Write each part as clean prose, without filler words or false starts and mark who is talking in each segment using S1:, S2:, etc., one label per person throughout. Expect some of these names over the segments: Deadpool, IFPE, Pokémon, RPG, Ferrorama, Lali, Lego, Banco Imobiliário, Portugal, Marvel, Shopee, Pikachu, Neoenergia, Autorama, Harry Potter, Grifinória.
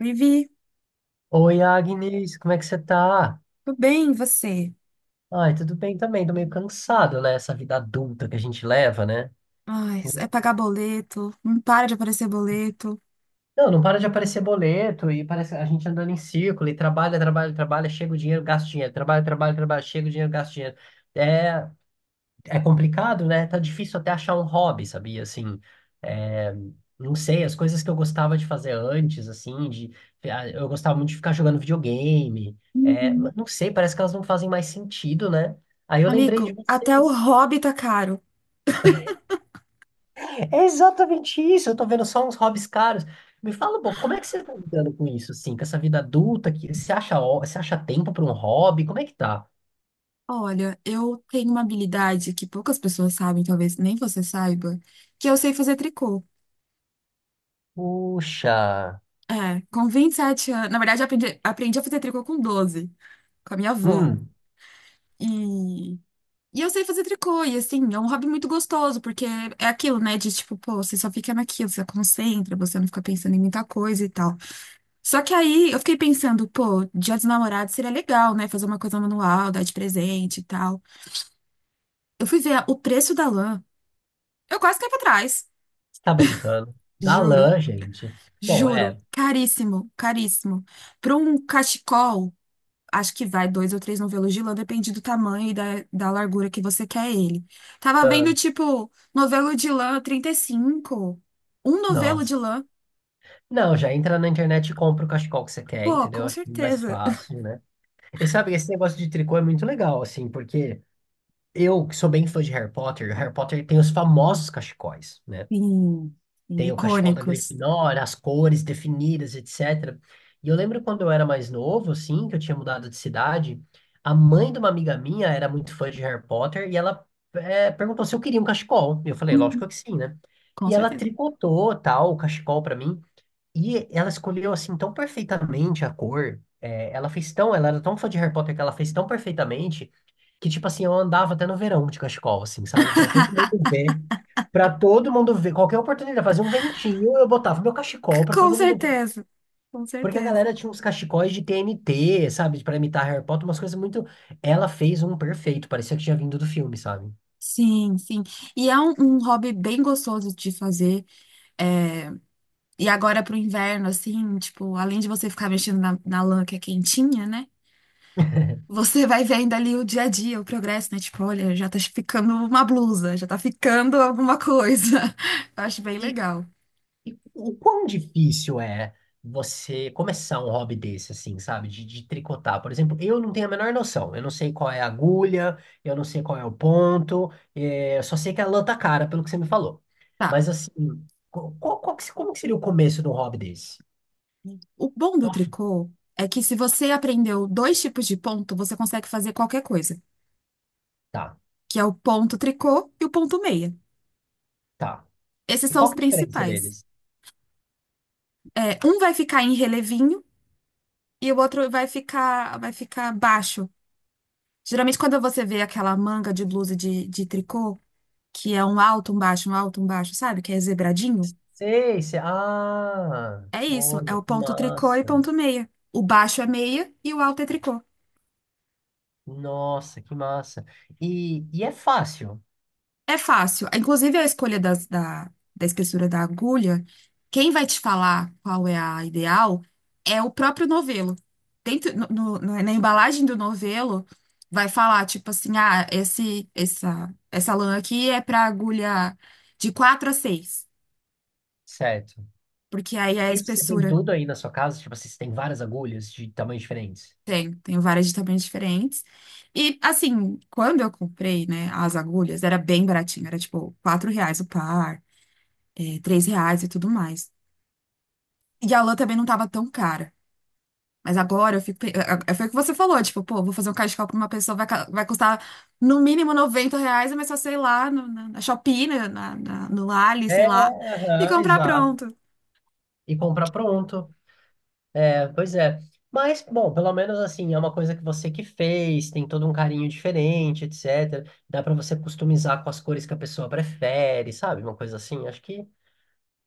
S1: Vivi,
S2: Oi, Agnes, como é que você tá?
S1: tudo bem, e você?
S2: Ai, tudo bem também, tô meio cansado, né? Essa vida adulta que a gente leva, né?
S1: Ai, é pagar boleto, não para de aparecer boleto.
S2: Não, não para de aparecer boleto e parece a gente andando em círculo e trabalha, trabalha, trabalha, chega o dinheiro, gasta o dinheiro, trabalha, trabalha, trabalha, chega o dinheiro, gasta o dinheiro. É, é complicado, né? Tá difícil até achar um hobby, sabia? Assim, é, não sei, as coisas que eu gostava de fazer antes, assim, de ah, eu gostava muito de ficar jogando videogame,
S1: Uhum.
S2: mas não sei, parece que elas não fazem mais sentido, né? Aí eu lembrei de
S1: Amigo, até o
S2: vocês.
S1: hobby tá caro.
S2: É exatamente isso, eu tô vendo só uns hobbies caros. Me fala, pô, como é que você tá lidando com isso, assim, com essa vida adulta que você acha, você acha tempo para um hobby? Como é que tá?
S1: Olha, eu tenho uma habilidade que poucas pessoas sabem, talvez nem você saiba, que eu sei fazer tricô.
S2: Puxa.
S1: É, com 27 anos. Na verdade, eu aprendi a fazer tricô com 12, com a minha avó.
S2: Hum.
S1: E, e eu sei fazer tricô, e assim, é um hobby muito gostoso, porque é aquilo, né, de tipo, pô, você só fica naquilo, você concentra, você não fica pensando em muita coisa e tal. Só que aí eu fiquei pensando, pô, Dia dos Namorados seria legal, né? Fazer uma coisa manual, dar de presente e tal. Eu fui ver o preço da lã. Eu quase caí pra trás.
S2: Você tá brincando. Dá
S1: Juro,
S2: lã, gente. Bom,
S1: juro.
S2: é.
S1: Caríssimo, caríssimo. Pra um cachecol, acho que vai dois ou três novelos de lã, depende do tamanho e da largura que você quer ele. Tava vendo, tipo, novelo de lã 35. Um novelo de
S2: Nossa.
S1: lã.
S2: Não, já entra na internet e compra o cachecol que você quer,
S1: Pô,
S2: entendeu?
S1: com
S2: Acho que é mais
S1: certeza.
S2: fácil, né? E sabe, esse negócio de tricô é muito legal, assim, porque eu, que sou bem fã de Harry Potter, Harry Potter tem os famosos cachecóis, né?
S1: Sim, sim,
S2: Tem o cachecol da
S1: icônicos.
S2: Grifinória, as cores definidas, etc. E eu lembro quando eu era mais novo, assim, que eu tinha mudado de cidade, a mãe de uma amiga minha era muito fã de Harry Potter e ela perguntou se eu queria um cachecol. Eu falei, lógico
S1: Uhum,
S2: que sim, né?
S1: com
S2: E ela
S1: certeza.
S2: tricotou, tal, o cachecol pra mim. E ela escolheu assim tão perfeitamente a cor. Ela era tão fã de Harry Potter que ela fez tão perfeitamente que tipo assim, eu andava até no verão de cachecol, assim, sabe? Pra todo mundo ver. Pra todo mundo ver, qualquer oportunidade, fazia um ventinho, eu botava meu cachecol pra
S1: Com
S2: todo mundo ver.
S1: certeza, com
S2: Porque a
S1: certeza.
S2: galera tinha uns cachecóis de TNT, sabe? Pra imitar Harry Potter, umas coisas muito. Ela fez um perfeito, parecia que tinha vindo do filme, sabe?
S1: Sim, sim. E é um hobby bem gostoso de fazer. É. E agora pro inverno, assim, tipo, além de você ficar mexendo na lã que é quentinha, né? Você vai vendo ali o dia a dia, o progresso, né? Tipo, olha, já tá ficando uma blusa, já tá ficando alguma coisa. Eu acho bem
S2: E,
S1: legal.
S2: E o quão difícil é você começar um hobby desse, assim, sabe? De tricotar. Por exemplo, eu não tenho a menor noção. Eu não sei qual é a agulha, eu não sei qual é o ponto, eu só sei que a lã tá cara, pelo que você me falou.
S1: Tá.
S2: Mas, assim, qual que como que seria o começo de um hobby desse?
S1: O bom
S2: Tô
S1: do
S2: afim.
S1: tricô é que se você aprendeu dois tipos de ponto, você consegue fazer qualquer coisa,
S2: Tá,
S1: que é o ponto tricô e o ponto meia.
S2: tá.
S1: Esses
S2: E
S1: são
S2: qual
S1: os
S2: que é a diferença
S1: principais.
S2: deles?
S1: É, um vai ficar em relevinho e o outro vai ficar baixo. Geralmente, quando você vê aquela manga de blusa de tricô, que é um alto, um baixo, um alto, um baixo, sabe? Que é zebradinho.
S2: Sei, sei. Ah,
S1: É isso, é
S2: olha,
S1: o
S2: que
S1: ponto tricô e
S2: massa.
S1: ponto meia. O baixo é meia e o alto é tricô.
S2: Nossa, que massa. E é fácil,
S1: É fácil. Inclusive, a escolha da espessura da agulha, quem vai te falar qual é a ideal é o próprio novelo. Dentro, na embalagem do novelo, vai falar, tipo assim, ah, essa lã aqui é para agulha de 4 a 6,
S2: certo?
S1: porque aí é a
S2: E você tem
S1: espessura
S2: tudo aí na sua casa? Tipo assim, você tem várias agulhas de tamanhos diferentes?
S1: tem várias de tamanhos diferentes. E, assim, quando eu comprei, né, as agulhas, era bem baratinho, era tipo R$ 4 o par, é, R$ 3 e tudo mais. E a lã também não tava tão cara. Mas agora eu fico. Foi o que você falou, tipo, pô, vou fazer um cachecol pra uma pessoa, vai custar no mínimo R$ 90, mas só sei lá, no, na, na Shopee, no Lali, sei lá,
S2: É,
S1: e
S2: aham,
S1: comprar
S2: exato.
S1: pronto.
S2: E comprar pronto. É, pois é. Mas, bom, pelo menos assim, é uma coisa que você que fez, tem todo um carinho diferente, etc. Dá pra você customizar com as cores que a pessoa prefere, sabe? Uma coisa assim, acho que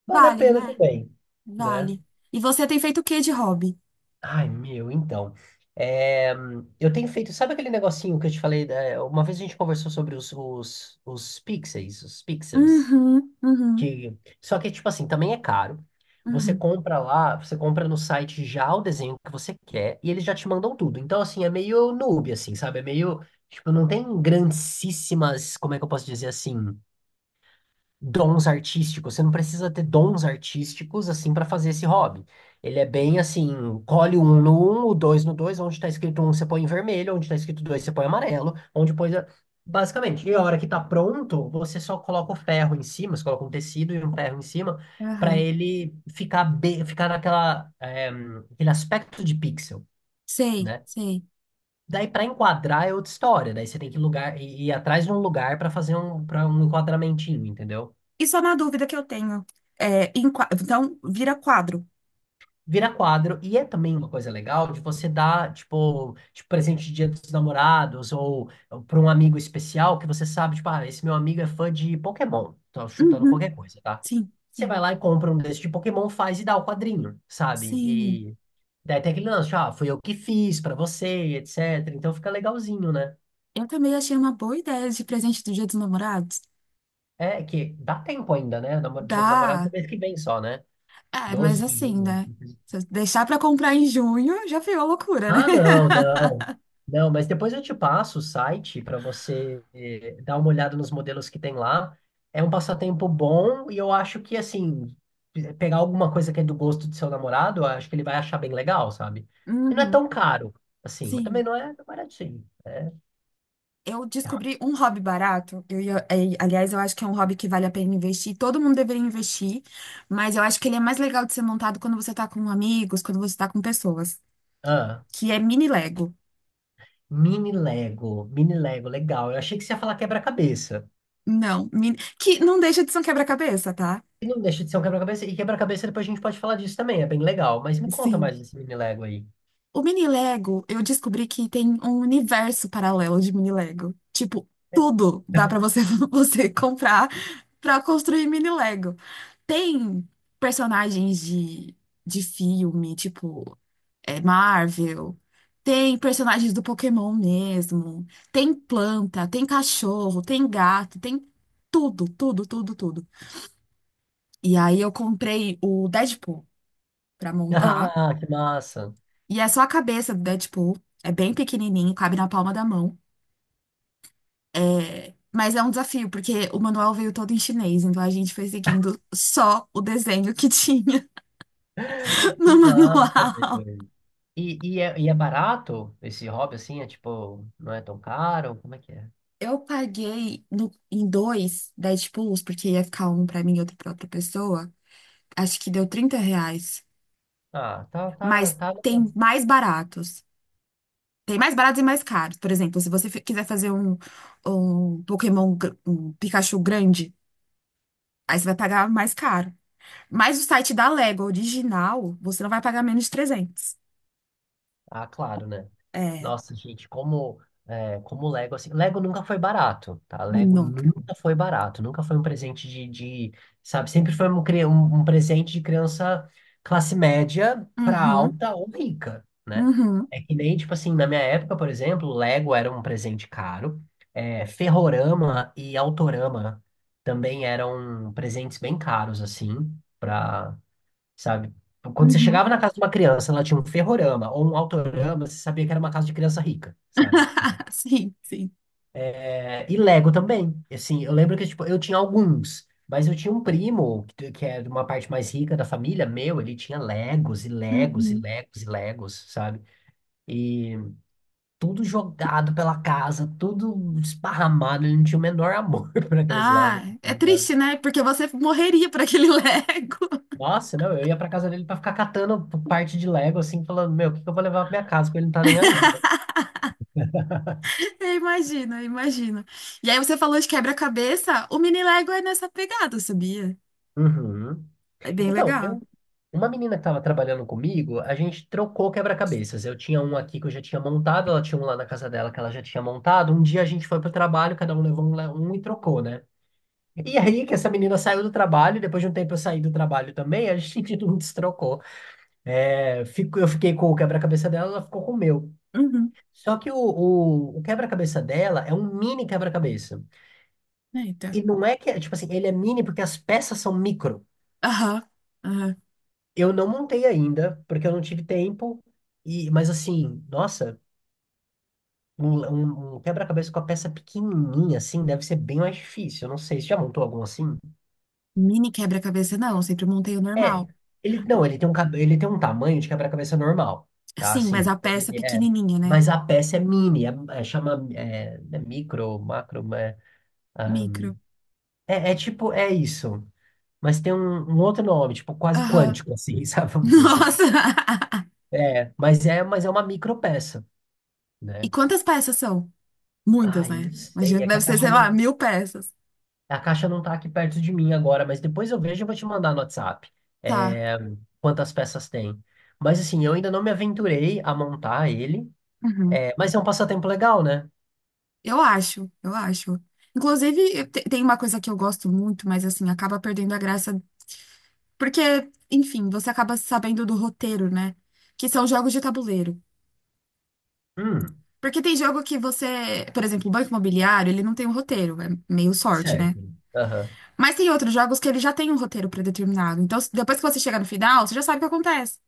S2: vale a
S1: Vale,
S2: pena
S1: né?
S2: também, né?
S1: Vale. E você tem feito o que de hobby?
S2: Ai, meu, então. É, eu tenho feito, sabe aquele negocinho que eu te falei? Uma vez a gente conversou sobre os pixels.
S1: Uhum, uhum,
S2: Só que, tipo assim, também é caro. Você
S1: uhum,
S2: compra lá, você compra no site já o desenho que você quer e eles já te mandam tudo. Então, assim, é meio noob, assim, sabe? É meio, tipo, não tem grandíssimas, como é que eu posso dizer assim? Dons artísticos. Você não precisa ter dons artísticos assim para fazer esse hobby. Ele é bem assim, colhe um no um, o dois no dois, onde está escrito um você põe em vermelho, onde está escrito dois você põe amarelo, onde põe basicamente. E a hora que tá pronto, você só coloca o ferro em cima, você coloca um tecido e um ferro em cima para
S1: aham.
S2: ele ficar bem, ficar aquele aspecto de pixel,
S1: Sei,
S2: né?
S1: sei.
S2: Daí para enquadrar é outra história. Daí você tem que lugar ir atrás de um lugar para fazer para um enquadramentinho, entendeu?
S1: E só na dúvida que eu tenho. É, então, vira quadro.
S2: Vira quadro, e é também uma coisa legal de você dar, tipo, tipo presente de Dia dos Namorados ou para um amigo especial que você sabe, tipo, ah, esse meu amigo é fã de Pokémon. Tô chutando
S1: Uhum,
S2: qualquer coisa, tá?
S1: sim,
S2: Você
S1: sim,
S2: vai lá e compra um desses de Pokémon, faz e dá o quadrinho, sabe?
S1: sim.
S2: E daí tem aquele lance, tipo, ah, fui eu que fiz pra você, etc. Então fica legalzinho, né?
S1: Eu também achei uma boa ideia de presente do Dia dos Namorados.
S2: É que dá tempo ainda, né? Dia dos Namorados é
S1: Dá.
S2: mês que vem só, né?
S1: É, mas
S2: doze de
S1: assim,
S2: junho.
S1: né? Se eu deixar pra comprar em junho, já virou loucura, né?
S2: Ah, não, não. Não, mas depois eu te passo o site para você dar uma olhada nos modelos que tem lá. É um passatempo bom e eu acho que, assim, pegar alguma coisa que é do gosto do seu namorado, eu acho que ele vai achar bem legal, sabe? E não é
S1: Uhum,
S2: tão caro, assim, mas também
S1: sim.
S2: não é baratinho.
S1: Eu descobri um hobby barato. Aliás, eu acho que é um hobby que vale a pena investir. Todo mundo deveria investir, mas eu acho que ele é mais legal de ser montado quando você tá com amigos, quando você tá com pessoas,
S2: Ah,
S1: que é mini Lego.
S2: mini Lego, legal. Eu achei que você ia falar quebra-cabeça.
S1: Não, que não deixa de ser um quebra-cabeça, tá?
S2: E não deixa de ser um quebra-cabeça. E quebra-cabeça depois a gente pode falar disso também, é bem legal. Mas me conta
S1: Sim.
S2: mais desse mini Lego aí.
S1: O mini Lego, eu descobri que tem um universo paralelo de mini Lego. Tipo, tudo dá pra você você comprar pra construir mini Lego. Tem personagens de filme, tipo, é, Marvel. Tem personagens do Pokémon mesmo. Tem planta, tem cachorro, tem gato, tem tudo, tudo, tudo, tudo. E aí eu comprei o Deadpool pra montar.
S2: Ah, que massa.
S1: E é só a cabeça do Deadpool. É bem pequenininho, cabe na palma da mão. É, mas é um desafio, porque o manual veio todo em chinês, então a gente foi seguindo só o desenho que tinha
S2: Que
S1: no
S2: massa,
S1: manual.
S2: velho. E é barato esse hobby assim? É tipo, não é tão caro? Como é que é?
S1: Eu paguei em dois Deadpools, porque ia ficar um pra mim e outro pra outra pessoa. Acho que deu R$ 30.
S2: Ah, tá, tá,
S1: Mas
S2: tá.
S1: tem mais baratos. Tem mais baratos e mais caros. Por exemplo, se você quiser fazer um Pokémon, um Pikachu grande, aí você vai pagar mais caro. Mas o site da Lego original, você não vai pagar menos de 300.
S2: Ah, claro, né?
S1: É,
S2: Nossa, gente, como Lego, assim, Lego nunca foi barato, tá? Lego
S1: nunca.
S2: nunca foi barato, nunca foi um presente de, sabe, sempre foi um presente de criança classe média pra
S1: Uhum,
S2: alta ou rica, né?
S1: uhum,
S2: É que nem, tipo assim, na minha época, por exemplo, Lego era um presente caro, é, Ferrorama e Autorama também eram presentes bem caros, assim, pra sabe? Quando você
S1: uhum.
S2: chegava na casa de uma criança, ela tinha um ferrorama ou um autorama, você sabia que era uma casa de criança rica, sabe?
S1: Sim, sim.
S2: É, e Lego também. Assim, eu lembro que tipo, eu tinha alguns, mas eu tinha um primo que é de uma parte mais rica da família, meu, ele tinha Legos e Legos e
S1: Uhum.
S2: Legos e Legos, sabe? E tudo jogado pela casa, tudo esparramado, ele não tinha o menor amor por aqueles Legos,
S1: Ah, é
S2: sabe?
S1: triste, né? Porque você morreria por aquele Lego.
S2: Nossa, não, eu ia pra casa dele pra ficar catando parte de Lego, assim, falando, meu, o que que eu vou levar pra minha casa, porque ele não tá nem aí, né?
S1: Eu imagino, eu imagino. E aí você falou de quebra-cabeça, o mini Lego é nessa pegada, sabia?
S2: Uhum.
S1: É bem
S2: Então,
S1: legal.
S2: eu, uma menina que estava trabalhando comigo, a gente trocou quebra-cabeças. Eu tinha um aqui que eu já tinha montado, ela tinha um lá na casa dela que ela já tinha montado. Um dia a gente foi pro trabalho, cada um levou um, um e trocou, né? E aí que essa menina saiu do trabalho, depois de um tempo eu saí do trabalho também, a gente não destrocou. É, eu fiquei com o quebra-cabeça dela, ela ficou com o meu.
S1: Uhum.
S2: Só que o quebra-cabeça dela é um mini quebra-cabeça.
S1: Eita.
S2: E não é que, é, tipo assim, ele é mini porque as peças são micro.
S1: Aham, aham.
S2: Eu não montei ainda, porque eu não tive tempo. E, mas assim, nossa, um, um quebra-cabeça com a peça pequenininha assim deve ser bem mais difícil. Eu não sei, você já montou algum assim?
S1: Mini quebra-cabeça, não, eu sempre montei o
S2: É,
S1: normal.
S2: ele não, ele tem um tamanho de quebra-cabeça normal, tá?
S1: Sim, mas
S2: Assim,
S1: a peça
S2: ele é,
S1: pequenininha, né?
S2: mas a peça é mini, é, chama é, é micro, macro, é, ah,
S1: Micro.
S2: é, é tipo é isso, mas tem um, um outro nome, tipo quase
S1: Aham.
S2: quântico assim, sabe? Vamos dizer assim.
S1: Nossa!
S2: É, mas é, mas é uma micropeça.
S1: E
S2: Né?
S1: quantas peças são?
S2: Ah,
S1: Muitas,
S2: eu não
S1: né? Imagino
S2: sei.
S1: que
S2: É que
S1: deve ser, sei lá, mil peças.
S2: a caixa não tá aqui perto de mim agora, mas depois eu vejo e vou te mandar no WhatsApp,
S1: Tá.
S2: é, quantas peças tem. Mas assim, eu ainda não me aventurei a montar ele,
S1: Uhum.
S2: é, mas é um passatempo legal, né?
S1: Eu acho, eu acho. Inclusive, tem uma coisa que eu gosto muito, mas assim, acaba perdendo a graça. Porque, enfim, você acaba sabendo do roteiro, né? Que são jogos de tabuleiro.
S2: Hum,
S1: Porque tem jogo que você, por exemplo, o Banco Imobiliário, ele não tem um roteiro, é meio sorte,
S2: certo.
S1: né?
S2: Aham.
S1: Mas tem outros jogos que ele já tem um roteiro predeterminado. Então, depois que você chega no final, você já sabe o que acontece.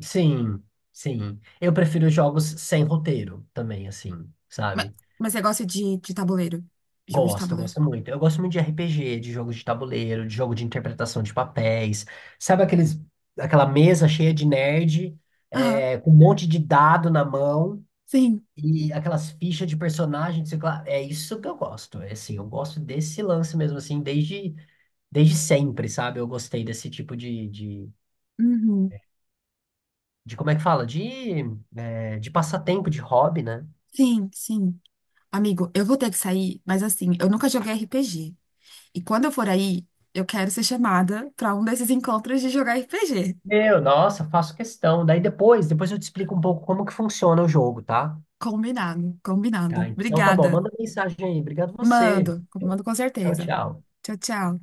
S2: Sim, sim. Eu prefiro jogos sem roteiro também, assim,
S1: Mas,
S2: sabe?
S1: mas você gosta de tabuleiro? Jogo de
S2: Gosto,
S1: tabuleiro.
S2: gosto muito. Eu gosto muito de RPG, de jogo de tabuleiro, de jogo de interpretação de papéis. Sabe aqueles, aquela mesa cheia de nerd,
S1: Aham,
S2: é, com um monte de dado na mão
S1: sim.
S2: e aquelas fichas de personagem, sei lá. É isso que eu gosto. É assim, eu gosto desse lance mesmo, assim, desde sempre, sabe? Eu gostei desse tipo de, de,
S1: Uhum.
S2: de como é que fala? De, é, de passatempo, de hobby, né?
S1: Sim, sim. Amigo, eu vou ter que sair, mas assim, eu nunca joguei RPG. E quando eu for aí, eu quero ser chamada pra um desses encontros de jogar RPG.
S2: Meu, nossa, faço questão. Daí depois eu te explico um pouco como que funciona o jogo, tá?
S1: Combinado, combinado.
S2: Tá, então tá bom.
S1: Obrigada.
S2: Manda mensagem aí. Obrigado você.
S1: Mando, mando com
S2: Tchau,
S1: certeza.
S2: tchau.
S1: Tchau, tchau.